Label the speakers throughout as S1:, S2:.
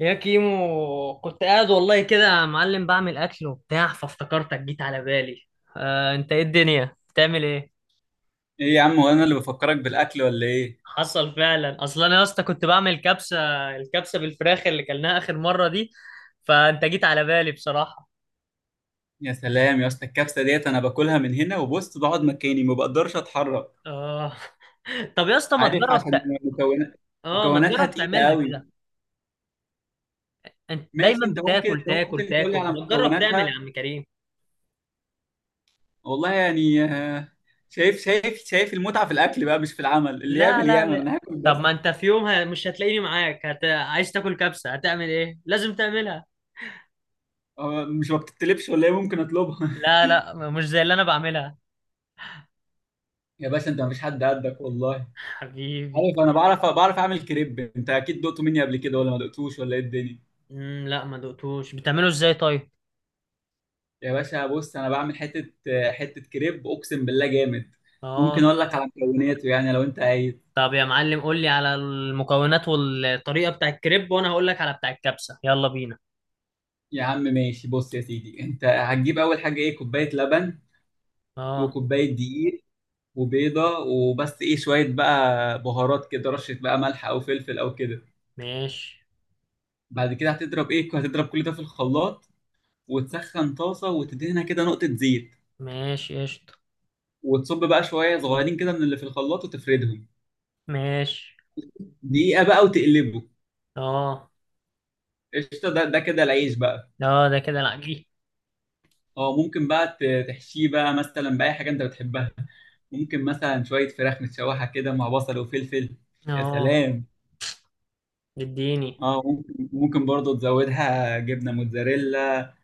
S1: يا كيمو، كنت قاعد والله كده يا معلم بعمل اكل وبتاع فافتكرتك، جيت على بالي. انت ايه؟ الدنيا بتعمل ايه؟
S2: ايه يا عم، وانا اللي بفكرك بالاكل ولا ايه؟
S1: حصل فعلا، اصلا انا يا اسطى كنت بعمل كبسه. الكبسه بالفراخ اللي كلناها اخر مره دي، فانت جيت على بالي بصراحه.
S2: يا سلام يا اسطى، الكبسه ديت انا باكلها من هنا وبص بقعد مكاني ما بقدرش اتحرك.
S1: اه. طب يا اسطى ما
S2: عارف؟
S1: تجرب
S2: عشان مكونات
S1: اه، ما
S2: مكوناتها
S1: تجرب
S2: تقيله
S1: تعملها
S2: قوي.
S1: كده. انت
S2: ماشي،
S1: دايما
S2: انت ممكن
S1: بتاكل،
S2: انت
S1: تاكل
S2: ممكن تقول لي
S1: تاكل
S2: على
S1: ما تجرب تعمل يا
S2: مكوناتها.
S1: عم كريم؟
S2: والله يعني شايف المتعه في الاكل بقى، مش في العمل. اللي
S1: لا
S2: يعمل
S1: لا
S2: يعمل،
S1: لا.
S2: انا هاكل
S1: طب ما
S2: بس.
S1: انت في يوم مش هتلاقيني معاك عايز تاكل كبسه، هتعمل ايه؟ لازم تعملها.
S2: هو مش ما بتتلبش ولا ايه؟ ممكن اطلبها.
S1: لا لا، مش زي اللي انا بعملها.
S2: يا باشا، انت مفيش حد قدك والله.
S1: حبيبي.
S2: عارف، انا بعرف اعمل كريب. انت اكيد دقته مني قبل كده ولا ما دقتوش ولا ايه الدنيا؟
S1: مم، لا، ما دقتوش. بتعمله ازاي طيب؟
S2: يا باشا، بص، انا بعمل حته كريب اقسم بالله جامد. ممكن
S1: اه.
S2: اقول لك على مكوناته يعني لو انت عايز.
S1: طب يا معلم، قول لي على المكونات والطريقة بتاع الكريب، وانا هقول لك على بتاع الكبسة، يلا بينا.
S2: يا عم ماشي، بص يا سيدي، انت هتجيب اول حاجه ايه؟ كوبايه لبن،
S1: اه.
S2: وكوبايه دقيق، وبيضه، وبس شويه بقى بهارات كده، رشه بقى ملح او فلفل او كده.
S1: ماشي.
S2: بعد كده هتضرب كل ده في الخلاط، وتسخن طاسه وتدهنها كده نقطه زيت،
S1: ماشي قشطة.
S2: وتصب بقى شويه صغيرين كده من اللي في الخلاط وتفردهم.
S1: ماشي.
S2: دقيقه بقى وتقلبه.
S1: اه.
S2: قشطه، ده كده العيش بقى.
S1: اه، ده كده العجين.
S2: اه، ممكن بقى تحشيه بقى مثلا بأي حاجة انت بتحبها. ممكن مثلا شوية فراخ متشوحة كده مع بصل وفلفل. يا
S1: اه.
S2: سلام.
S1: اديني.
S2: اه ممكن، برضه تزودها جبنة موتزاريلا،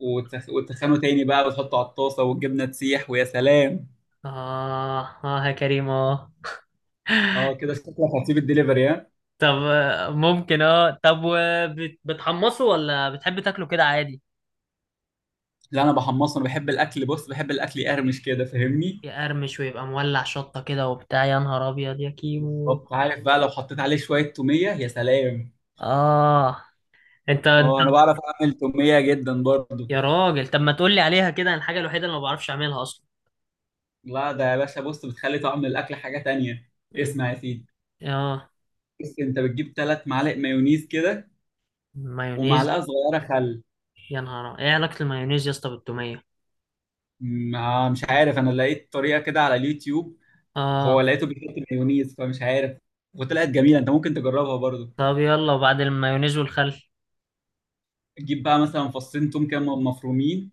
S2: وتسخنه تاني بقى وتحطه على الطاسة والجبنة تسيح ويا سلام.
S1: اه. اه يا كريم، اه.
S2: اه كده شكلك هتسيب الدليفري، ها؟
S1: طب ممكن. اه طب، بتحمصه ولا بتحب تاكله كده عادي؟
S2: لا، انا بحمصه، انا بحب الاكل، بص بحب الاكل يقرمش كده، فاهمني؟
S1: يقرمش ويبقى مولع شطة كده وبتاع، يا نهار أبيض يا كيمو.
S2: بالظبط. عارف بقى لو حطيت عليه شوية تومية، يا سلام.
S1: آه. أنت.
S2: اه، انا بعرف اعمل تومية جدا برضه.
S1: يا راجل، طب ما تقولي عليها كده، أنا الحاجة الوحيدة اللي ما بعرفش أعملها أصلا.
S2: لا ده يا باشا، بص، بتخلي طعم الاكل حاجه تانية.
S1: ال-
S2: اسمع يا سيدي،
S1: آه.
S2: بص، انت بتجيب 3 معالق مايونيز كده،
S1: مايونيز.
S2: ومعلقه صغيره خل.
S1: يا نهار، إيه علاقة المايونيز يا اسطى بالتومية؟
S2: ما مش عارف، انا لقيت طريقه كده على اليوتيوب.
S1: آه.
S2: هو لقيته بيحط مايونيز، فمش عارف. وطلعت جميله، انت ممكن تجربها برضو.
S1: طب يلا، وبعد المايونيز والخل؟
S2: تجيب بقى مثلا فصين توم كده مفرومين،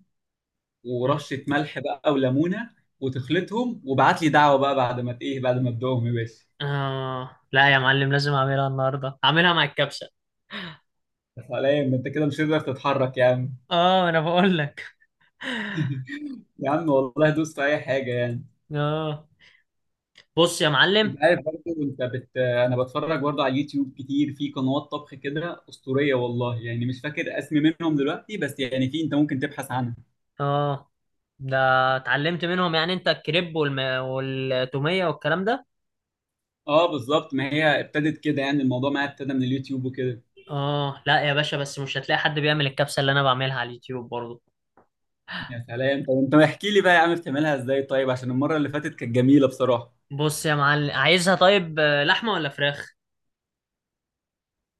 S2: ورشه ملح بقى، وليمونه، وتخلطهم، وابعت لي دعوه بقى بعد ما تدوقهم يا باشا.
S1: آه لا يا معلم، لازم أعملها النهاردة، أعملها مع الكبسة.
S2: يا سلام، انت كده مش هتقدر تتحرك يا عم.
S1: آه، أنا بقول لك.
S2: يا عم والله دوس في اي حاجه يعني.
S1: آه. بص يا معلم.
S2: انت عارف برضه، انا بتفرج برضه على اليوتيوب كتير، في قنوات طبخ كده اسطوريه والله يعني، مش فاكر اسم منهم دلوقتي بس يعني في، انت ممكن تبحث عنها.
S1: آه. ده اتعلمت منهم يعني أنت الكريب والتومية والكلام ده؟
S2: اه بالظبط، ما هي ابتدت كده يعني الموضوع معايا، ابتدى من اليوتيوب وكده.
S1: اه لا يا باشا، بس مش هتلاقي حد بيعمل الكبسة اللي انا بعملها على اليوتيوب برضو.
S2: يا سلام، طب انت احكي لي بقى يا عم، بتعملها ازاي طيب؟ عشان المره اللي فاتت كانت جميله بصراحه.
S1: بص يا معلم، عايزها طيب لحمة ولا فراخ؟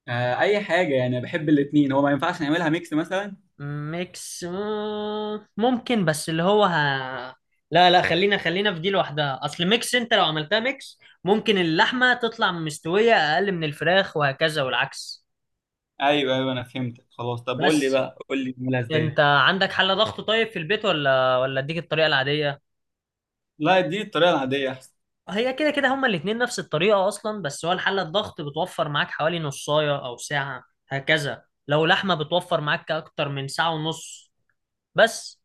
S2: آه، اي حاجه يعني، أنا بحب الاثنين. هو ما ينفعش نعملها ميكس مثلا؟
S1: ميكس ممكن، بس اللي هو لا لا، خلينا في دي لوحدها، اصل ميكس، انت لو عملتها ميكس ممكن اللحمة تطلع مستوية اقل من الفراخ وهكذا، والعكس.
S2: ايوه ايوه، انا فهمتك خلاص. طب قول لي
S1: بس.
S2: بقى، قول لي نعملها ازاي.
S1: انت عندك حل ضغط طيب في البيت ولا اديك الطريقة العادية؟
S2: لا، اديني الطريقه العاديه احسن.
S1: هي كده كده هما الاتنين نفس الطريقة أصلا، بس هو الحلة الضغط بتوفر معاك حوالي نصاية أو ساعة. هكذا لو لحمة، بتوفر معاك أكتر من ساعة ونص. بس.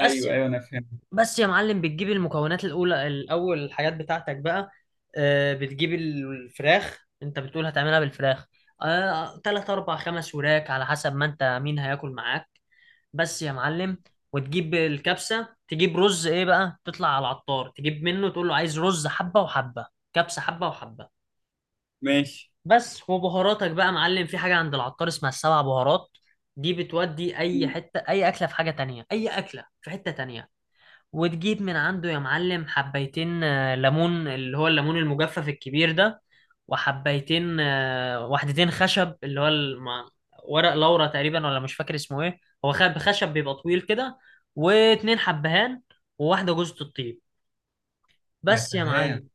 S1: بس
S2: ايوه ايوه، انا فهمت.
S1: بس يا معلم، بتجيب المكونات الأولى، الأول الحاجات بتاعتك بقى. بتجيب الفراخ، أنت بتقول هتعملها بالفراخ. تلات أربع خمس وراك على حسب ما أنت مين هياكل معاك. بس يا معلم، وتجيب الكبسة، تجيب رز. ايه بقى؟ تطلع على العطار تجيب منه، تقول له عايز رز حبة وحبة. كبسة حبة وحبة.
S2: ماشي.
S1: بس. وبهاراتك بقى يا معلم، في حاجة عند العطار اسمها السبع بهارات. دي بتودي اي حتة، اي اكلة في حاجة تانية، اي اكلة في حتة تانية. وتجيب من عنده يا معلم حبيتين ليمون، اللي هو الليمون المجفف الكبير ده. وحبيتين وحدتين خشب، اللي هو ورق لورا تقريبا، ولا مش فاكر اسمه ايه. هو خشب بيبقى طويل كده. واتنين حبهان. وواحدة جوزة الطيب.
S2: يا
S1: بس يا
S2: سلام.
S1: معلم.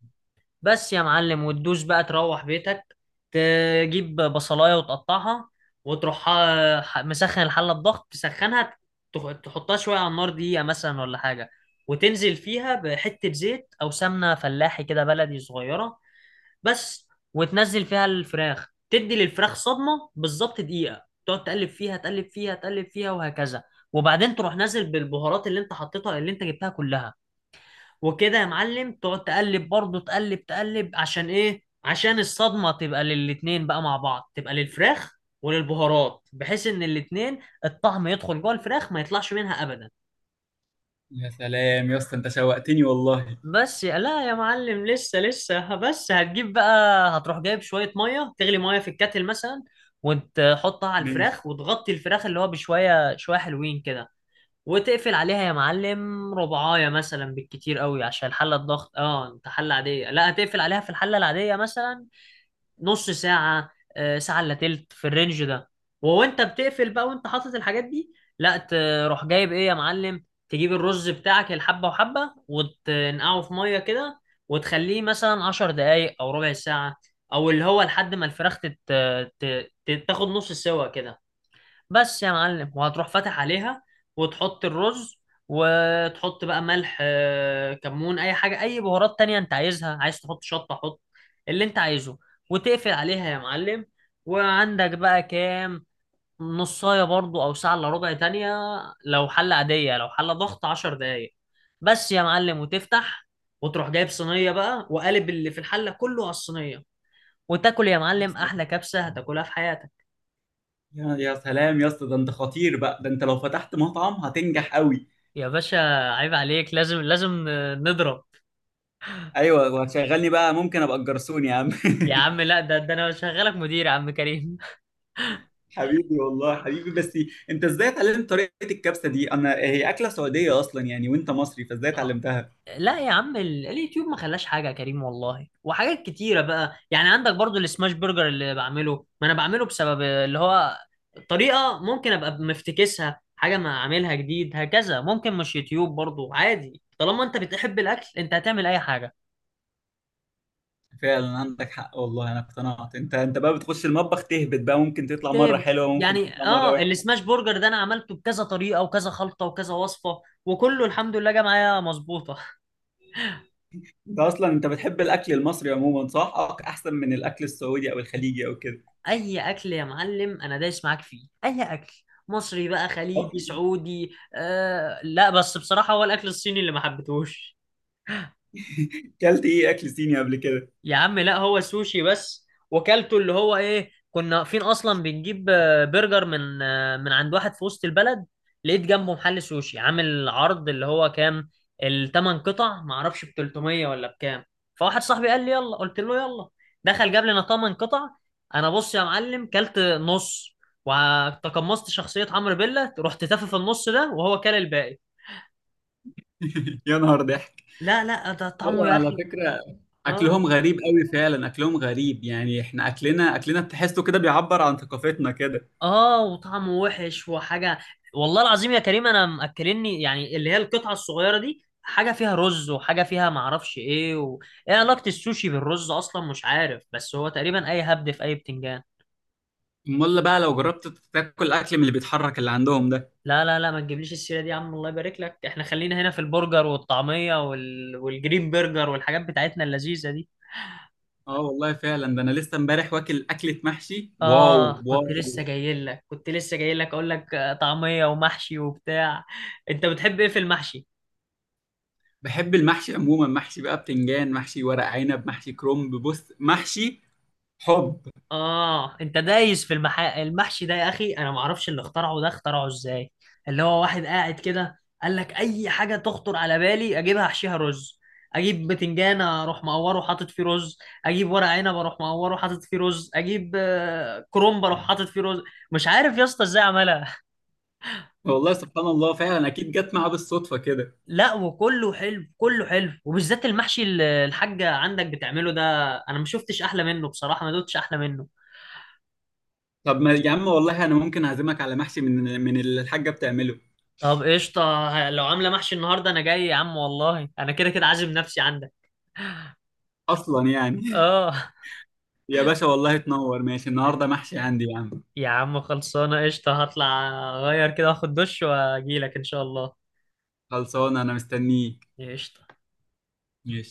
S1: بس يا معلم، وتدوس بقى تروح بيتك، تجيب بصلاية وتقطعها. وتروح مسخن الحلة بضغط، تسخنها. تحطها شوية على النار، دقيقة مثلا ولا حاجة. وتنزل فيها بحتة زيت أو سمنة فلاحي كده بلدي صغيرة. بس. وتنزل فيها الفراخ، تدي للفراخ صدمة بالظبط، دقيقة تقعد تقلب فيها، تقلب فيها وهكذا. وبعدين تروح نازل بالبهارات اللي انت حطيتها، اللي انت جبتها كلها. وكده يا معلم، تقعد تقلب برضه، تقلب، عشان ايه؟ عشان الصدمة تبقى للاتنين بقى مع بعض، تبقى للفراخ وللبهارات، بحيث ان الاتنين الطعم يدخل جوه الفراخ، ما يطلعش منها ابدا.
S2: يا سلام يا اسطى، انت شوقتني والله.
S1: لا يا معلم، لسه، بس هتجيب بقى. هتروح جايب شوية مية تغلي، مية في الكاتل مثلا. وتحطها على
S2: ماشي.
S1: الفراخ، وتغطي الفراخ، اللي هو بشوية شوية حلوين كده. وتقفل عليها يا معلم ربعاية مثلا بالكتير قوي، عشان الحلة الضغط. اه، انت حلة عادية، لا، هتقفل عليها في الحلة العادية مثلا نص ساعة. ساعة الا تلت في الرينج ده. وانت بتقفل بقى، وانت حاطط الحاجات دي. لا، تروح جايب ايه يا معلم؟ تجيب الرز بتاعك الحبة وحبة، وتنقعه في مية كده. وتخليه مثلا عشر دقايق او ربع ساعة. او اللي هو لحد ما الفراخ تاخد نص سوا كده. بس يا معلم، وهتروح فاتح عليها. وتحط الرز. وتحط بقى ملح كمون، اي حاجه، اي بهارات تانية انت عايزها، عايز تحط شطه حط، اللي انت عايزه. وتقفل عليها يا معلم. وعندك بقى كام؟ نصايه برضو او ساعه الا ربع تانية لو حله عاديه، لو حله ضغط عشر دقايق. بس يا معلم، وتفتح، وتروح جايب صينيه بقى، وقالب اللي في الحله كله على الصينيه، وتاكل يا
S2: يا
S1: معلم
S2: سلام.
S1: احلى كبسه هتاكلها في حياتك.
S2: يا سلام يا اسطى، ده انت خطير بقى، ده انت لو فتحت مطعم هتنجح قوي.
S1: يا باشا، عيب عليك، لازم نضرب.
S2: ايوه، وهتشغلني بقى؟ ممكن ابقى الجرسون يا عم.
S1: يا عم لا، ده ده انا شغالك مدير يا عم كريم.
S2: حبيبي والله، حبيبي. بس انت ازاي اتعلمت طريقة الكبسة دي؟ انا هي اكلة سعودية اصلا يعني، وانت مصري، فازاي
S1: آه.
S2: اتعلمتها؟
S1: لا يا عم، اليوتيوب ما خلاش حاجه يا كريم والله. وحاجات كتيره بقى يعني، عندك برضو السماش برجر اللي بعمله، ما انا بعمله بسبب اللي هو طريقه، ممكن ابقى مفتكسها حاجه، ما اعملها جديد، هكذا. ممكن مش يوتيوب برضو، عادي، طالما انت بتحب الاكل انت هتعمل اي حاجه.
S2: فعلا عندك حق والله، انا اقتنعت. انت بقى بتخش المطبخ تهبط بقى، ممكن تطلع مرة
S1: تابع.
S2: حلوة، ممكن
S1: يعني
S2: تطلع مرة
S1: اه
S2: وحشة.
S1: السماش برجر ده انا عملته بكذا طريقه وكذا خلطه وكذا وصفه، وكله الحمد لله جه معايا مظبوطه.
S2: انت اصلا انت بتحب الاكل المصري عموما صح؟ احسن من الاكل السعودي او الخليجي او كده؟
S1: اي اكل يا معلم، انا دايس معاك فيه، اي اكل، مصري بقى، خليجي، سعودي، آه، لا، بس بصراحه هو الاكل الصيني اللي ما حبيتهوش.
S2: كلت ايه اكل صيني قبل كده؟
S1: يا عم لا، هو سوشي بس، وكلته. اللي هو ايه، كنا واقفين اصلا بنجيب برجر من من عند واحد في وسط البلد، لقيت جنبه محل سوشي عامل عرض، اللي هو كام، الثمان قطع ما اعرفش ب 300 ولا بكام. فواحد صاحبي قال لي يلا، قلت له يلا. دخل جاب لنا ثمان قطع. انا بص يا معلم كلت نص، وتقمصت شخصية عمرو بيلا، رحت تافه في النص ده وهو كل الباقي.
S2: يا نهار ضحك.
S1: لا لا، ده طعمه
S2: ايوه،
S1: يا
S2: على
S1: اخي.
S2: فكره
S1: اه.
S2: اكلهم غريب قوي فعلا، اكلهم غريب يعني، احنا اكلنا، اكلنا تحسه كده بيعبر عن ثقافتنا كده.
S1: اه وطعمه وحش وحاجه. والله العظيم يا كريم، انا مأكلني يعني اللي هي القطعه الصغيره دي، حاجه فيها رز، وحاجه فيها معرفش ايه ايه علاقه السوشي بالرز اصلا؟ مش عارف، بس هو تقريبا اي هبد في اي بتنجان.
S2: امال بقى لو جربت تاكل اكل من اللي بيتحرك اللي عندهم ده.
S1: لا لا لا، ما تجيبليش السيره دي يا عم، الله يبارك لك، احنا خلينا هنا في البرجر والطعميه والجرين برجر والحاجات بتاعتنا اللذيذه دي.
S2: اه والله فعلا. ده انا لسه امبارح واكل اكله محشي، واو
S1: اه، كنت
S2: واو.
S1: لسه جاي لك، اقول لك طعميه ومحشي وبتاع. انت بتحب ايه في المحشي؟
S2: بحب المحشي عموما، محشي بقى بتنجان، محشي ورق عنب، محشي كرنب. بص محشي حب.
S1: اه، انت دايس في المحشي ده يا اخي، انا ما اعرفش اللي اخترعه ده اخترعه ازاي. اللي هو واحد قاعد كده قال لك اي حاجه تخطر على بالي اجيبها احشيها رز. اجيب بتنجان اروح مقوره حاطط فيه رز. اجيب ورق عنب اروح مقوره حاطط فيه رز. اجيب كرنب اروح حاطط فيه رز. مش عارف يا اسطى ازاي عملها.
S2: والله سبحان الله فعلا، اكيد جت معاه بالصدفه كده.
S1: لا وكله حلو، كله حلو وبالذات المحشي اللي الحاجه عندك بتعمله ده، انا ما شفتش احلى منه بصراحه، ما دوتش احلى منه.
S2: طب ما يا عم والله، انا ممكن اعزمك على محشي من اللي الحاجه بتعمله
S1: طب قشطة. لو عاملة محشي النهاردة أنا جاي يا عم والله، أنا كده كده عازم نفسي عندك.
S2: اصلا يعني.
S1: آه.
S2: يا باشا والله تنور، ماشي، النهارده محشي عندي يا عم.
S1: يا عم خلصانة قشطة، هطلع أغير كده، أخد دش وأجيلك إن شاء الله.
S2: خلصان، انا مستنيك.
S1: قشطة.
S2: ماشي